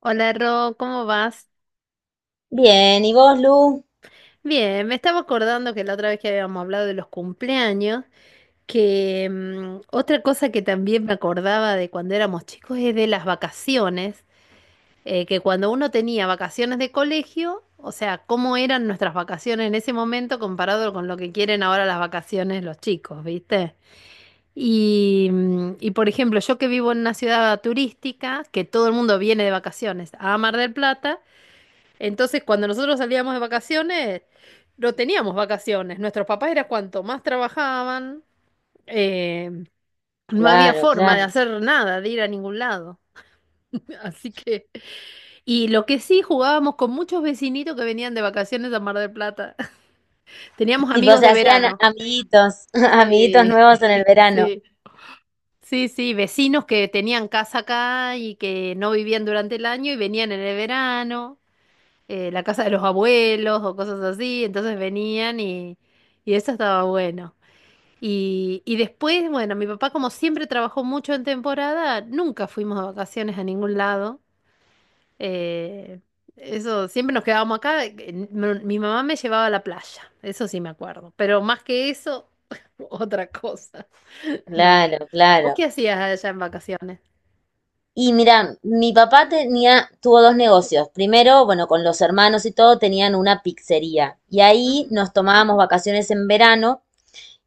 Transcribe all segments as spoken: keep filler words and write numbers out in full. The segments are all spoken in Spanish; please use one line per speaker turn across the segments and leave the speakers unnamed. Hola Ro, ¿cómo vas?
Bien, ¿y vos, Lu?
Bien, me estaba acordando que la otra vez que habíamos hablado de los cumpleaños, que mm, otra cosa que también me acordaba de cuando éramos chicos es de las vacaciones, eh, que cuando uno tenía vacaciones de colegio, o sea, cómo eran nuestras vacaciones en ese momento comparado con lo que quieren ahora las vacaciones los chicos, ¿viste? Y, mm, y por ejemplo, yo que vivo en una ciudad turística, que todo el mundo viene de vacaciones a Mar del Plata. Entonces, cuando nosotros salíamos de vacaciones, no teníamos vacaciones. Nuestros papás era cuanto más trabajaban, eh, no había
Claro,
forma
claro.
de hacer nada, de ir a ningún lado. Así que, y lo que sí jugábamos con muchos vecinitos que venían de vacaciones a Mar del Plata. Teníamos
Tipo,
amigos
se
de
hacían
verano.
amiguitos, amiguitos
Sí,
nuevos en el verano.
sí, sí, sí, vecinos que tenían casa acá y que no vivían durante el año y venían en el verano. Eh, la casa de los abuelos o cosas así, entonces venían y, y eso estaba bueno. Y, y después, bueno, mi papá como siempre trabajó mucho en temporada, nunca fuimos de vacaciones a ningún lado. eh, Eso, siempre nos quedábamos acá. eh, Mi mi mamá me llevaba a la playa, eso sí me acuerdo, pero más que eso, otra cosa. No.
Claro,
¿Vos
claro.
qué hacías allá en vacaciones?
Y mira, mi papá tenía, tuvo dos negocios. Primero, bueno, con los hermanos y todo, tenían una pizzería. Y ahí
Ujú.
nos tomábamos vacaciones en verano.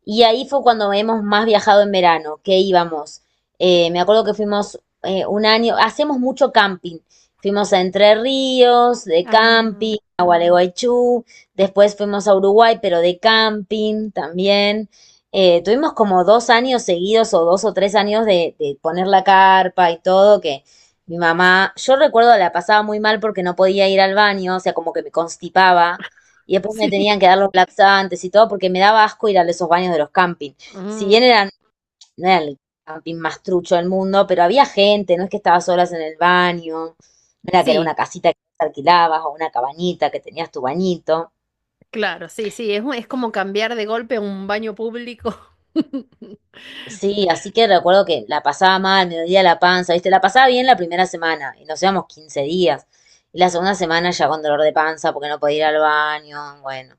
Y ahí fue cuando hemos más viajado en verano, que íbamos. Eh, me acuerdo que fuimos eh, un año, hacemos mucho camping. Fuimos a Entre Ríos, de
Ah,
camping, a Gualeguaychú, después fuimos a Uruguay, pero de camping también. Eh, tuvimos como dos años seguidos o dos o tres años de, de poner la carpa y todo, que mi mamá, yo recuerdo la pasaba muy mal porque no podía ir al baño, o sea, como que me constipaba y después me
sí.
tenían que dar los laxantes y todo porque me daba asco ir a esos baños de los campings. Si bien
Mm.
eran, no era el camping más trucho del mundo, pero había gente, no es que estabas solas en el baño, no era que era una
Sí.
casita que alquilabas o una cabañita que tenías tu bañito.
Claro, sí, sí, es, un- es como cambiar de golpe a un baño público.
Sí, así que recuerdo que la pasaba mal, me dolía la panza, ¿viste? La pasaba bien la primera semana y nos íbamos quince días. Y la segunda semana ya con dolor de panza porque no podía ir al baño, bueno.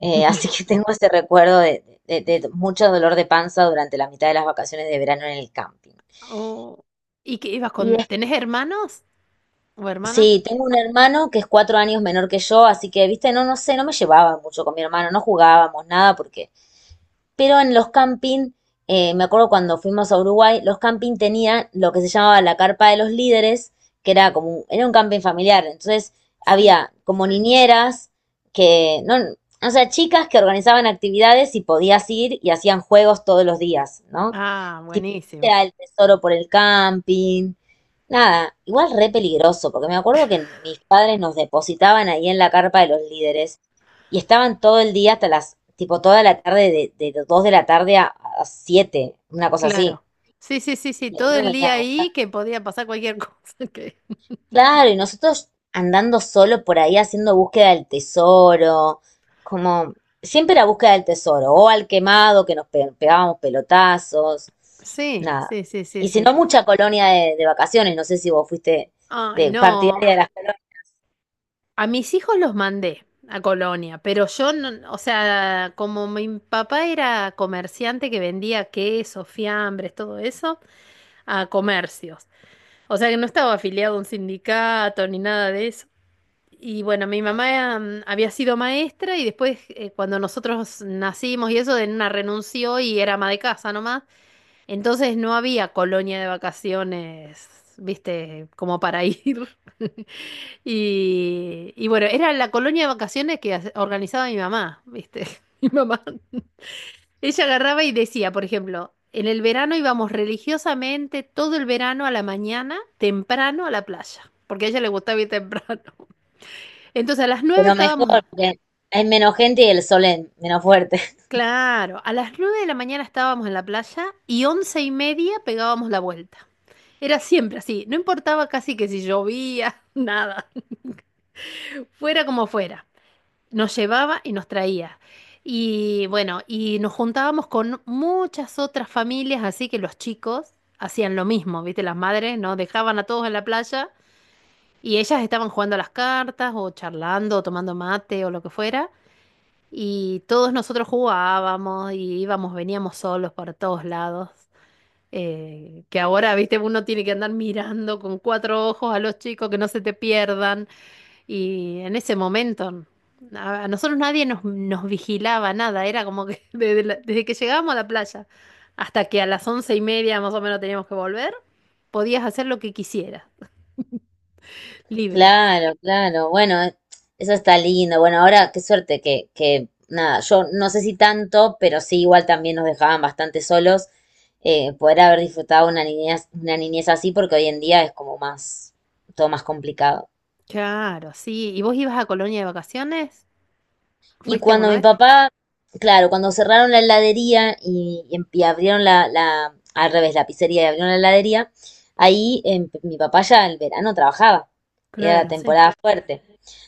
Eh, así que tengo ese recuerdo de, de- de mucho dolor de panza durante la mitad de las vacaciones de verano en el camping.
Oh, ¿y qué ibas
Y
con?
des-
¿Tenés hermanos o hermanas?
sí, tengo un hermano que es cuatro años menor que yo, así que, viste, no, no sé, no me llevaba mucho con mi hermano, no jugábamos nada porque... Pero en los camping, eh, me acuerdo cuando fuimos a Uruguay, los camping tenían lo que se llamaba la carpa de los líderes, que era como, era un camping familiar. Entonces
Sí.
había como niñeras que, no, o sea, chicas que organizaban actividades y podías ir y hacían juegos todos los días, ¿no?
Ah,
Tipo,
buenísimo.
era el tesoro por el camping. Nada, igual re peligroso, porque me acuerdo que mis padres nos depositaban ahí en la carpa de los líderes y estaban todo el día hasta las, tipo toda la tarde, de, de dos de la tarde a, a siete, una cosa así.
Claro. Sí, sí, sí, sí,
Y ahí
todo
nos
el día
venían a buscar.
ahí que podía pasar cualquier cosa. que-
Claro, y nosotros andando solo por ahí haciendo búsqueda del tesoro, como siempre la búsqueda del tesoro, o al quemado que nos pe- pegábamos pelotazos,
Sí,
nada.
sí, sí, sí,
Y si
sí.
no, mucha colonia de, de vacaciones, no sé si vos fuiste
Ay,
de
no,
partidaria de las colonias,
a mis hijos los mandé a Colonia, pero yo no, o sea, como mi papá era comerciante que vendía quesos, fiambres, todo eso. A comercios. O sea que no estaba afiliado a un sindicato ni nada de eso. Y bueno, mi mamá mm, había sido maestra y después eh, cuando nosotros nacimos y eso, de una renunció y era ama de casa nomás. Entonces no había colonia de vacaciones, viste, como para ir. Y, y bueno, era la colonia de vacaciones que hace- organizaba mi mamá, viste. Mi mamá ella agarraba y decía, por ejemplo, en el verano íbamos religiosamente todo el verano a la mañana, temprano a la playa, porque a ella le gustaba ir temprano. Entonces a las nueve
pero
estábamos,
mejor, porque hay menos gente y el sol es menos fuerte.
claro, a las nueve de la mañana estábamos en la playa y once y media pegábamos la vuelta. Era siempre así, no importaba casi que si llovía, nada, fuera como fuera. Nos llevaba y nos traía. Y bueno, y nos juntábamos con muchas otras familias, así que los chicos hacían lo mismo, ¿viste? Las madres nos dejaban a todos en la playa y ellas estaban jugando a las cartas o charlando o tomando mate o lo que fuera. Y todos nosotros jugábamos y íbamos, veníamos solos para todos lados. Eh, que ahora, viste, uno tiene que andar mirando con cuatro ojos a los chicos que no se te pierdan. Y en ese momento a, a nosotros nadie nos, nos vigilaba nada, era como que desde, la- desde que llegábamos a la playa hasta que a las once y media más o menos teníamos que volver, podías hacer lo que quisieras, libres.
Claro, claro. Bueno, eh, eso está lindo. Bueno, ahora qué suerte que, que nada, yo no sé si tanto, pero sí igual también nos dejaban bastante solos eh, poder haber disfrutado una niñez, una niñez así, porque hoy en día es como más, todo más complicado.
Claro, sí. ¿Y vos ibas a Colonia de vacaciones?
Y
¿Fuiste
cuando
alguna
mi
vez?
papá, claro, cuando cerraron la heladería y, y em- y abrieron la, la, al revés, la pizzería y abrieron la heladería, ahí em, mi papá ya el verano trabajaba y era la
Claro, sí.
temporada fuerte.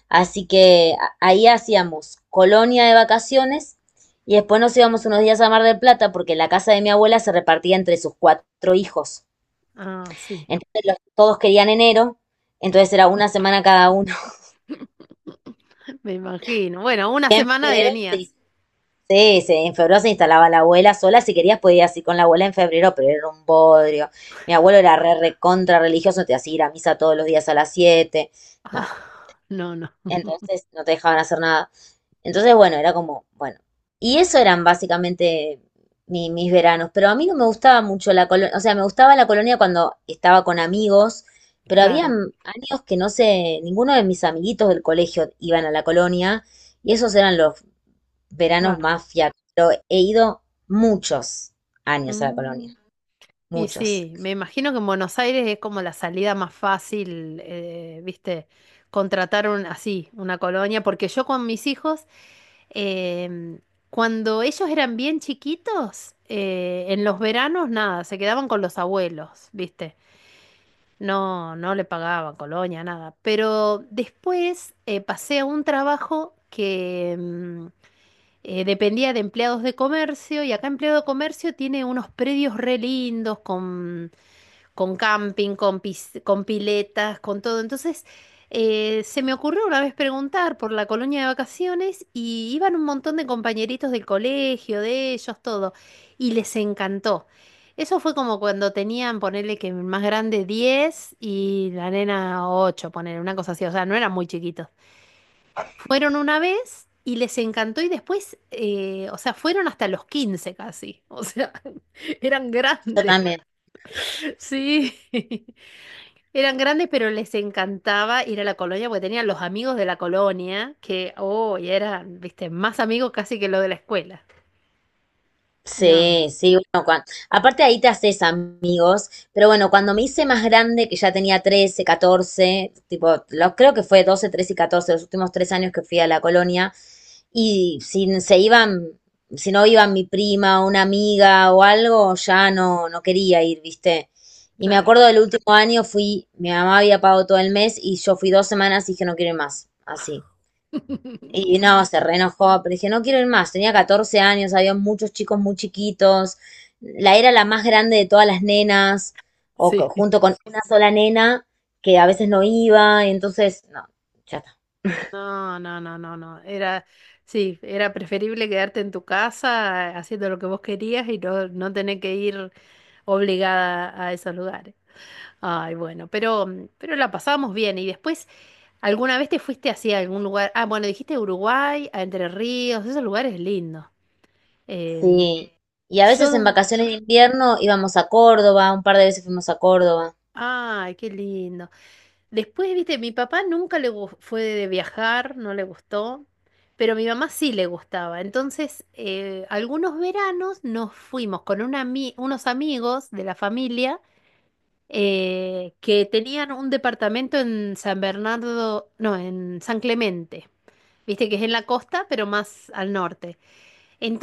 Así que ahí hacíamos colonia de vacaciones y después nos íbamos unos días a Mar del Plata porque la casa de mi abuela se repartía entre sus cuatro hijos.
Ah, sí,
Entonces los- todos querían enero, entonces era una semana cada uno.
me imagino. Bueno, una
En
semana de
Febrero se,
venías.
sí, se- en febrero se instalaba la abuela sola, si querías podías ir con la abuela en febrero, pero era un bodrio. Mi abuelo era re re contra religioso, te hacía ir a misa todos los días a las siete. No.
Ah, no, no.
Entonces no te dejaban hacer nada. Entonces, bueno, era como, bueno. Y eso eran básicamente mi- mis veranos. Pero a mí no me gustaba mucho la colonia. O sea, me gustaba la colonia cuando estaba con amigos. Pero había
Claro,
años que no sé, ninguno de mis amiguitos del colegio iban a la colonia. Y esos eran los veranos
claro.
más fiacos. Pero he ido muchos años a la
Mm.
colonia.
Y
Muchos.
sí, me imagino que en Buenos Aires es como la salida más fácil, eh, viste, contratar un, así, una colonia, porque yo con mis hijos, em, cuando ellos eran bien chiquitos, eh, en los veranos nada, se quedaban con los abuelos, viste, no, no le pagaban colonia, nada, pero después eh, pasé a un trabajo que em, eh, dependía de empleados de comercio y acá empleado de comercio tiene unos predios re lindos con con camping, con, pis- con piletas, con todo. Entonces, eh, se me ocurrió una vez preguntar por la colonia de vacaciones y iban un montón de compañeritos del colegio, de ellos, todo, y les encantó. Eso fue como cuando tenían, ponerle que el más grande diez y la nena ocho ponerle una cosa así, o sea, no eran muy chiquitos. Fueron una vez y les encantó y después, eh, o sea, fueron hasta los quince casi, o sea, eran
Yo
grandes.
también.
Sí. Eran grandes, pero les encantaba ir a la colonia porque tenían los amigos de la colonia, que, oh, y eran, viste, más amigos casi que los de la escuela. No,
Sí, sí, bueno, cua- aparte ahí te haces amigos, pero bueno, cuando me hice más grande, que ya tenía trece, catorce, tipo, los, creo que fue doce, trece y catorce, los últimos tres años que fui a la colonia, y si se iban, si no iban mi prima o una amiga o algo, ya no, no quería ir, ¿viste? Y me
claro.
acuerdo del último año fui, mi mamá había pagado todo el mes y yo fui dos semanas y dije no quiero ir más, así. Y no, se reenojó, pero dije, no quiero ir más. Tenía catorce años, había muchos chicos muy chiquitos. La era la más grande de todas las nenas, o co-
Sí.
junto con una sola nena que a veces no iba, y entonces, no, ya está.
No, no, no, no, no. Era, sí, era preferible quedarte en tu casa eh, haciendo lo que vos querías y no, no tener que ir obligada a esos lugares. Ay, bueno, pero, mm, pero la pasábamos bien. Y después, ¿alguna vez te fuiste así a algún lugar? Ah, bueno, dijiste Uruguay, a Entre Ríos, esos lugares lindos. Em,
Sí. Y a veces en
yo,
vacaciones de invierno íbamos a Córdoba, un par de veces fuimos a Córdoba.
ay, qué lindo. Después, viste, mi papá nunca le gu- fue de viajar, no le gustó, pero a mi mamá sí le gustaba. Entonces, eh, algunos veranos nos fuimos con una ami- unos amigos de la familia eh, que tenían un departamento en San Bernardo, no, en San Clemente. Viste que es en la costa, pero más al norte.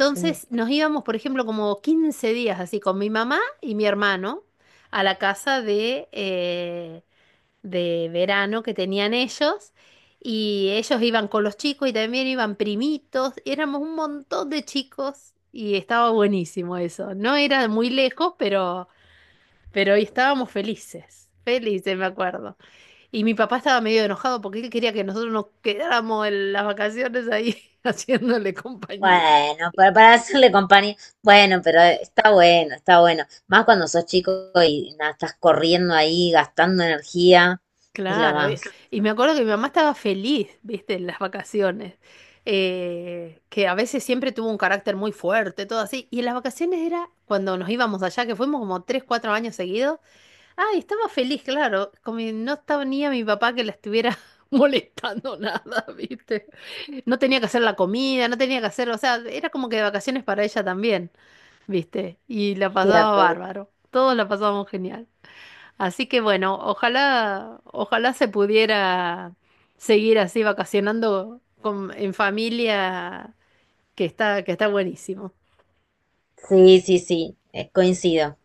Sí.
nos íbamos, por ejemplo, como quince días así con mi mamá y mi hermano a la casa de, eh, de verano que tenían ellos. Y ellos iban con los chicos y también iban primitos. Éramos un montón de chicos y estaba buenísimo eso. No era muy lejos, pero, pero estábamos felices. Felices, me acuerdo. Y mi papá estaba medio enojado porque él quería que nosotros nos quedáramos en las vacaciones ahí haciéndole compañía.
Bueno, para, para hacerle compañía. Bueno, pero eh, está bueno, está bueno. Más cuando sos chico y nada, estás corriendo ahí, gastando energía, es lo
Claro,
más.
y y me acuerdo que mi mamá estaba feliz, viste, en las vacaciones, eh, que a veces siempre tuvo un carácter muy fuerte, todo así, y en las vacaciones era cuando nos íbamos allá, que fuimos como tres, cuatro años seguidos, ay, estaba feliz, claro, como que no estaba ni a mi papá que la estuviera molestando nada, viste, no tenía que hacer la comida, no tenía que hacer, o sea, era como que de vacaciones para ella también. ¿Viste? Y la
Sí,
pasaba
apro-
bárbaro. Todos la pasábamos genial. Así que bueno, ojalá, ojalá se pudiera seguir así vacacionando con, en familia, que está, que está buenísimo.
sí, sí, sí, eh, coincido.